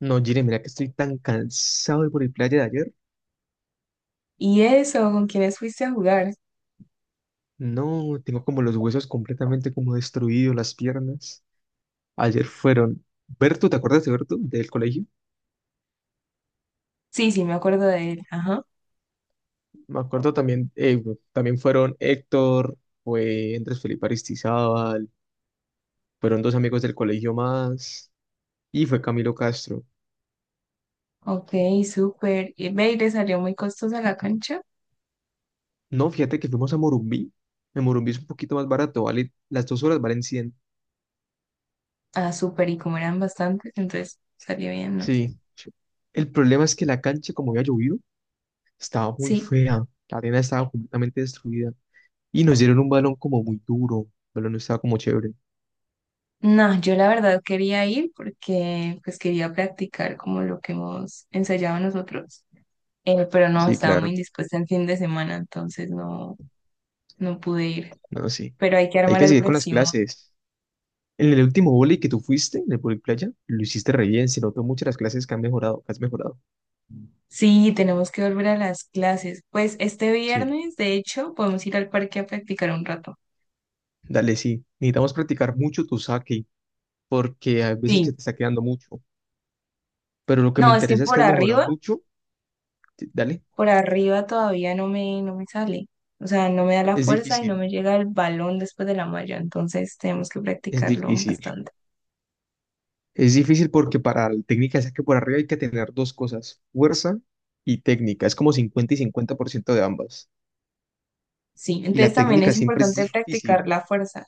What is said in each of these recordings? No, Jire, mira que estoy tan cansado de por el playa de ayer. ¿Y eso? ¿Con quiénes fuiste a jugar? No, tengo como los huesos completamente como destruidos, las piernas. Ayer fueron Berto, ¿te acuerdas de Berto del colegio? Sí, me acuerdo de él. Ajá. Me acuerdo también, bueno, también fueron Héctor, fue Andrés Felipe Aristizábal, fueron dos amigos del colegio más y fue Camilo Castro. Ok, súper. ¿Y ve, y le salió muy costosa la cancha? No, fíjate que fuimos a Morumbí. En Morumbí es un poquito más barato, vale, las 2 horas valen 100. Ah, súper. Y como eran bastantes, entonces salió bien, ¿no? Sí, el problema es que la cancha como había llovido, estaba muy Sí. fea. La arena estaba completamente destruida. Y nos dieron un balón como muy duro. El balón no estaba como chévere. No, yo la verdad quería ir porque pues quería practicar como lo que hemos ensayado nosotros. Pero no, Sí, estaba muy claro. indispuesta el fin de semana, entonces no, no pude ir. No, sí. Pero hay que Hay armar que el seguir con las próximo. clases. En el último vóley que tú fuiste, en el vóley playa, lo hiciste re bien. Se notó mucho las clases que han mejorado, que has mejorado. Sí, tenemos que volver a las clases. Pues este Sí. viernes, de hecho, podemos ir al parque a practicar un rato. Dale, sí. Necesitamos practicar mucho tu saque, porque hay veces que Sí, te está quedando mucho. Pero lo que me no, es que interesa es que has mejorado mucho. Dale. por arriba todavía no me, no me sale. O sea, no me da la Es fuerza y no difícil. me llega el balón después de la malla. Entonces tenemos que Es practicarlo difícil. bastante. Es difícil porque para el técnica de saque por arriba hay que tener dos cosas, fuerza y técnica. Es como 50 y 50% de ambas. Sí, Y entonces la también técnica es siempre es importante difícil. practicar la fuerza.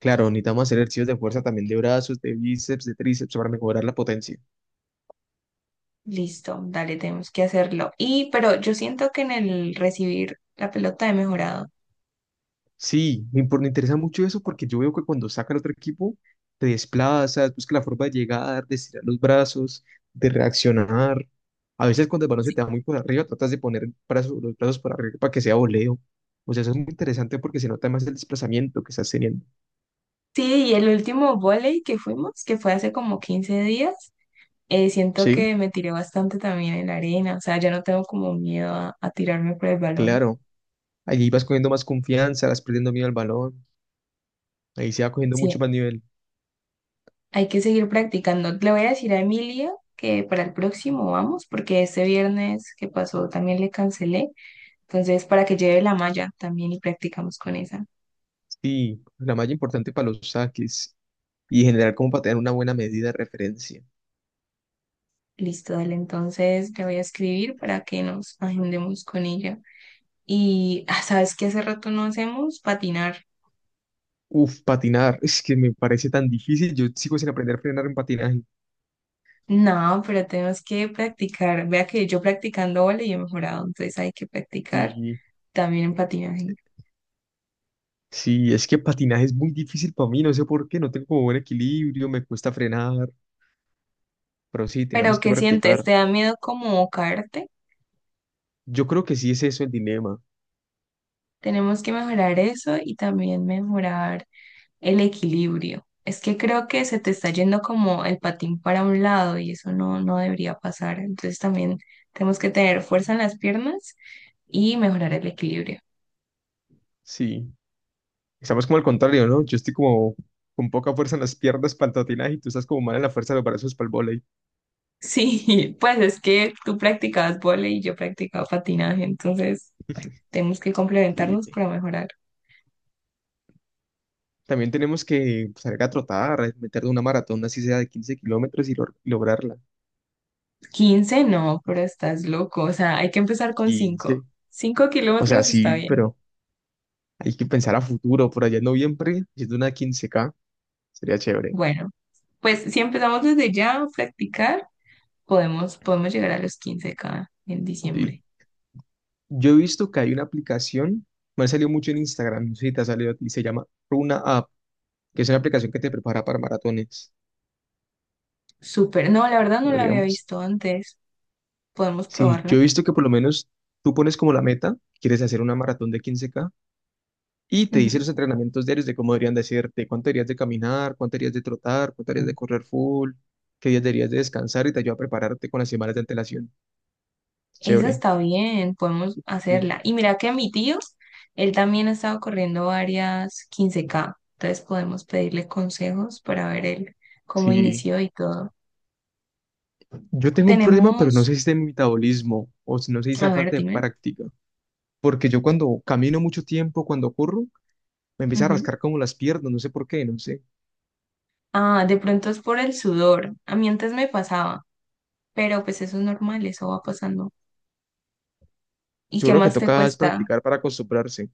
Claro, necesitamos hacer ejercicios de fuerza también de brazos, de bíceps, de tríceps para mejorar la potencia. Listo, dale, tenemos que hacerlo. Y, pero yo siento que en el recibir la pelota he mejorado. Sí, me interesa mucho eso porque yo veo que cuando sacan otro equipo, te desplazas, busca la forma de llegar, de estirar los brazos, de reaccionar. A veces cuando el balón se Sí, te da muy por arriba, tratas de poner los brazos por arriba para que sea voleo. O sea, eso es muy interesante porque se nota más el desplazamiento que estás teniendo. sí, y el último volei que fuimos, que fue hace como 15 días, siento Sí, que me tiré bastante también en la arena. O sea, ya no tengo como miedo a tirarme por el balón. claro. Allí vas cogiendo más confianza, vas perdiendo miedo al balón. Ahí se va cogiendo Sí, mucho más nivel. hay que seguir practicando. Le voy a decir a Emilia que para el próximo vamos, porque este viernes que pasó también le cancelé. Entonces, para que lleve la malla también y practicamos con esa. Sí, la malla importante para los saques y generar como para tener una buena medida de referencia. Listo, dale. Entonces, le voy a escribir para que nos agendemos con ella. Y, ah, ¿sabes qué hace rato no hacemos? Patinar. Uf, patinar, es que me parece tan difícil. Yo sigo sin aprender a frenar en patinaje. No, pero tenemos que practicar. Vea que yo practicando vole y he mejorado, entonces hay que practicar Sí, también en patinaje. sí, es que patinaje es muy difícil para mí, no sé por qué, no tengo como buen equilibrio, me cuesta frenar, pero sí, ¿Pero tenemos que qué sientes? practicar. ¿Te da miedo como caerte? Yo creo que sí es eso el dilema. Tenemos que mejorar eso y también mejorar el equilibrio. Es que creo que se te está yendo como el patín para un lado y eso no, no debería pasar. Entonces también tenemos que tener fuerza en las piernas y mejorar el equilibrio. Sí, estamos como al contrario, ¿no? Yo estoy como con poca fuerza en las piernas para el patinaje y tú estás como mal en la fuerza de los brazos para el vóley. Sí, pues es que tú practicabas vóley y yo practicaba patinaje, entonces tenemos que complementarnos Increíble. para mejorar. También tenemos que salir a trotar, a meter de una maratón, así sea de 15 kilómetros y lograrla. Quince no, pero estás loco. O sea, hay que empezar con cinco Quince cinco O sea, kilómetros está sí, bien. pero hay que pensar a futuro, por allá en noviembre, haciendo una 15K sería chévere. Bueno, pues si empezamos desde ya a practicar. Podemos llegar a los 15K en Sí. diciembre. Yo he visto que hay una aplicación, me ha salido mucho en Instagram, no sé si te ha salido a ti, se llama Runa App, que es una aplicación que te prepara para maratones, Súper. No, la verdad no la había podríamos. visto antes. Podemos Sí, yo probarla. he visto que por lo menos tú pones como la meta, quieres hacer una maratón de 15K y te dice los Ujú. entrenamientos diarios de cómo deberían de hacerte, cuánto deberías de caminar, cuánto deberías de trotar, cuánto deberías de correr full, qué días deberías de descansar y te ayuda a prepararte con las semanas de antelación. Esa Chévere. está bien, podemos Sí. hacerla. Y mira que mi tío, él también ha estado corriendo varias 15K. Entonces podemos pedirle consejos para ver él cómo Sí. inició y todo. Yo tengo un problema, pero no Tenemos, sé si es de mi metabolismo o si no sé si sea a ver, falta de dime. práctica. Porque yo cuando camino mucho tiempo, cuando corro, me empieza a Ujú. rascar como las piernas, no sé por qué, no sé. Ah, de pronto es por el sudor. A mí antes me pasaba, pero pues eso es normal, eso va pasando. ¿Y Yo qué creo que más te toca es cuesta? practicar para acostumbrarse.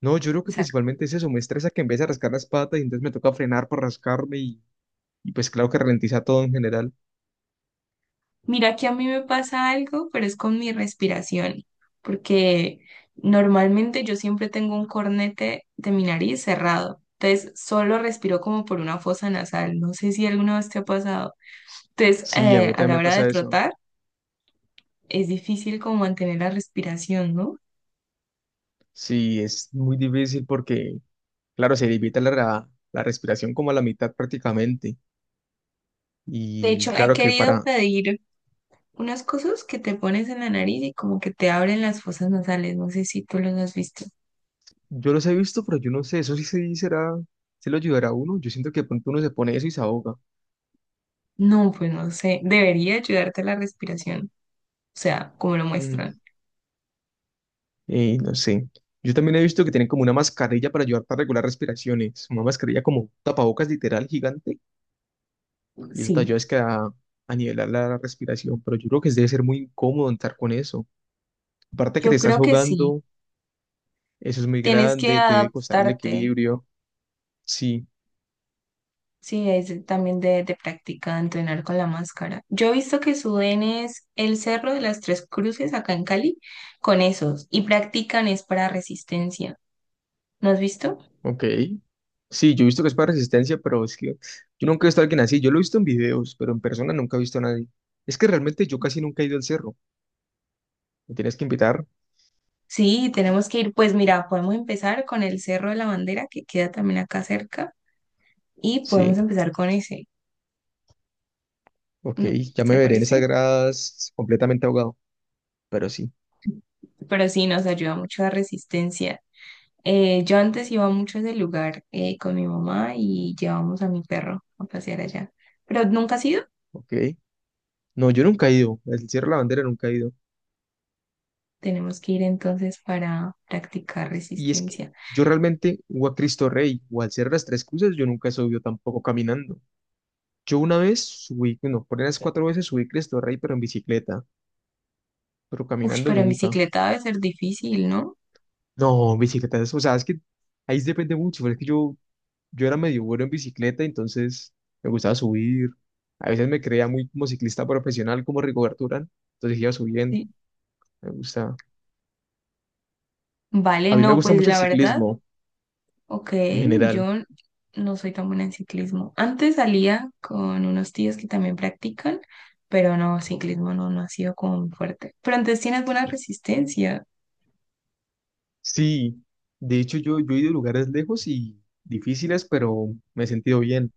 No, yo creo que principalmente es eso, me estresa que empiece a rascar las patas y entonces me toca frenar para rascarme y pues claro que ralentiza todo en general. Mira que a mí me pasa algo, pero es con mi respiración, porque normalmente yo siempre tengo un cornete de mi nariz cerrado, entonces solo respiro como por una fosa nasal, no sé si alguna vez te ha pasado. Entonces, Sí, a mí a también la me hora de pasa eso. trotar, es difícil como mantener la respiración, ¿no? Sí, es muy difícil porque, claro, se limita la respiración como a la mitad prácticamente. De Y hecho, he claro que querido para. pedir unas cosas que te pones en la nariz y como que te abren las fosas nasales, no sé si tú los has visto. Yo los he visto, pero yo no sé, eso sí, sí será, se lo ayudará a uno. Yo siento que de pronto uno se pone eso y se ahoga. No, pues no sé, debería ayudarte la respiración, o sea, como lo Mm. muestran. No sé. Yo también he visto que tienen como una mascarilla para ayudar para regular respiraciones. Una mascarilla como tapabocas literal gigante. Y eso te Sí, ayuda es que a nivelar la respiración. Pero yo creo que debe ser muy incómodo entrar con eso. Aparte que te yo estás creo que sí. ahogando, eso es muy Tienes que grande, te debe costar el adaptarte. equilibrio. Sí. Sí, es de- también de práctica, entrenar con la máscara. Yo he visto que suben es el Cerro de las Tres Cruces acá en Cali con esos y practican es para resistencia. ¿No has visto? Ok. Sí, yo he visto que es para resistencia, pero es que yo nunca he visto a alguien así. Yo lo he visto en videos, pero en persona nunca he visto a nadie. Es que realmente yo casi nunca he ido al cerro. ¿Me tienes que invitar? Sí, tenemos que ir. Pues mira, podemos empezar con el Cerro de la Bandera que queda también acá cerca y podemos Sí. empezar con ese, Ok. ¿no? Ya ¿Te me veré en esas parece? gradas completamente ahogado, pero sí. Pero sí, nos ayuda mucho a resistencia. Yo antes iba mucho a ese lugar con mi mamá y llevamos a mi perro a pasear allá, pero nunca ha ido. Ok. No, yo nunca he ido. Al Cerro de la Bandera nunca he ido. Tenemos que ir entonces para practicar Y es que resistencia. yo realmente, o a Cristo Rey, o al Cerro de las Tres Cruces, yo nunca he subido tampoco caminando. Yo una vez subí, no, por unas cuatro veces subí Cristo Rey, pero en bicicleta, pero Uy, caminando pero en nunca. bicicleta debe ser difícil, ¿no? No, bicicletas, o sea, es que ahí sí depende mucho, pero es que yo era medio bueno en bicicleta, entonces me gustaba subir. A veces me creía muy como ciclista profesional, como Rigoberto Urán, entonces iba subiendo, Sí. me gusta. Vale, A mí me no, gusta pues mucho el la verdad, ciclismo ok, en general. yo no soy tan buena en ciclismo. Antes salía con unos tíos que también practican, pero no, ciclismo no, no ha sido como muy fuerte. Pero antes tienes buena resistencia. Sí, de hecho yo he ido a lugares lejos y difíciles, pero me he sentido bien.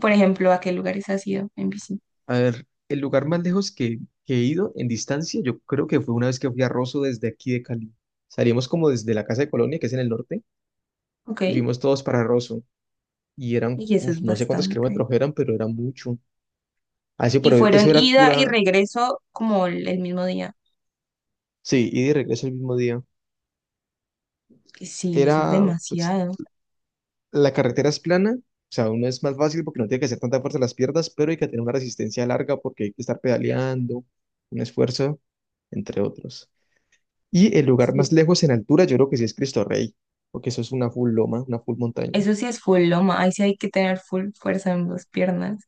Por ejemplo, ¿a qué lugares has ido en bici? A ver, el lugar más lejos que he ido en distancia, yo creo que fue una vez que fui a Rosso desde aquí de Cali. Salimos como desde la casa de Colonia, que es en el norte, Ok. y fuimos todos para Rosso. Y eran, Y eso uf, es no sé cuántos bastante. kilómetros eran, pero era mucho. Así, Y pero fueron eso era ida y pura, regreso como el mismo día. sí, ida y de regreso el mismo día. Que sí, eso es Era, pues, demasiado. la carretera es plana, o sea, uno es más fácil porque no tiene que hacer tanta fuerza en las piernas, pero hay que tener una resistencia larga porque hay que estar pedaleando, un esfuerzo, entre otros. Y el lugar Sí. más lejos en altura, yo creo que sí es Cristo Rey, porque eso es una full loma, una full montaña, Eso sí es full loma. Ahí sí hay que tener full fuerza en las piernas.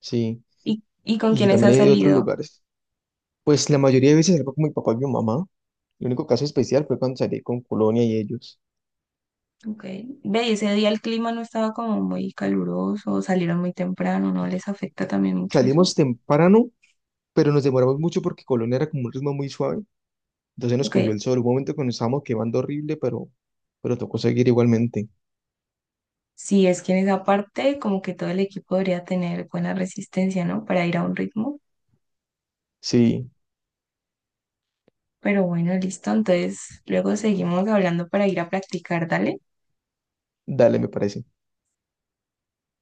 sí. ¿Y ¿con Y quiénes has también hay de otros salido? lugares. Pues la mayoría de veces salgo con mi papá y mi mamá. El único caso especial fue cuando salí con Colonia y ellos. Ok. Ve, y ese día el clima no estaba como muy caluroso, salieron muy temprano, ¿no les afecta también mucho Salimos eso? temprano, pero nos demoramos mucho porque Colonia era como un ritmo muy suave. Entonces nos Ok. cogió el sol. Hubo un momento que nos estábamos quemando horrible, pero tocó seguir igualmente. Sí, es que en esa parte como que todo el equipo debería tener buena resistencia, ¿no? Para ir a un ritmo. Sí, Pero bueno, listo. Entonces, luego seguimos hablando para ir a practicar, dale. dale, me parece.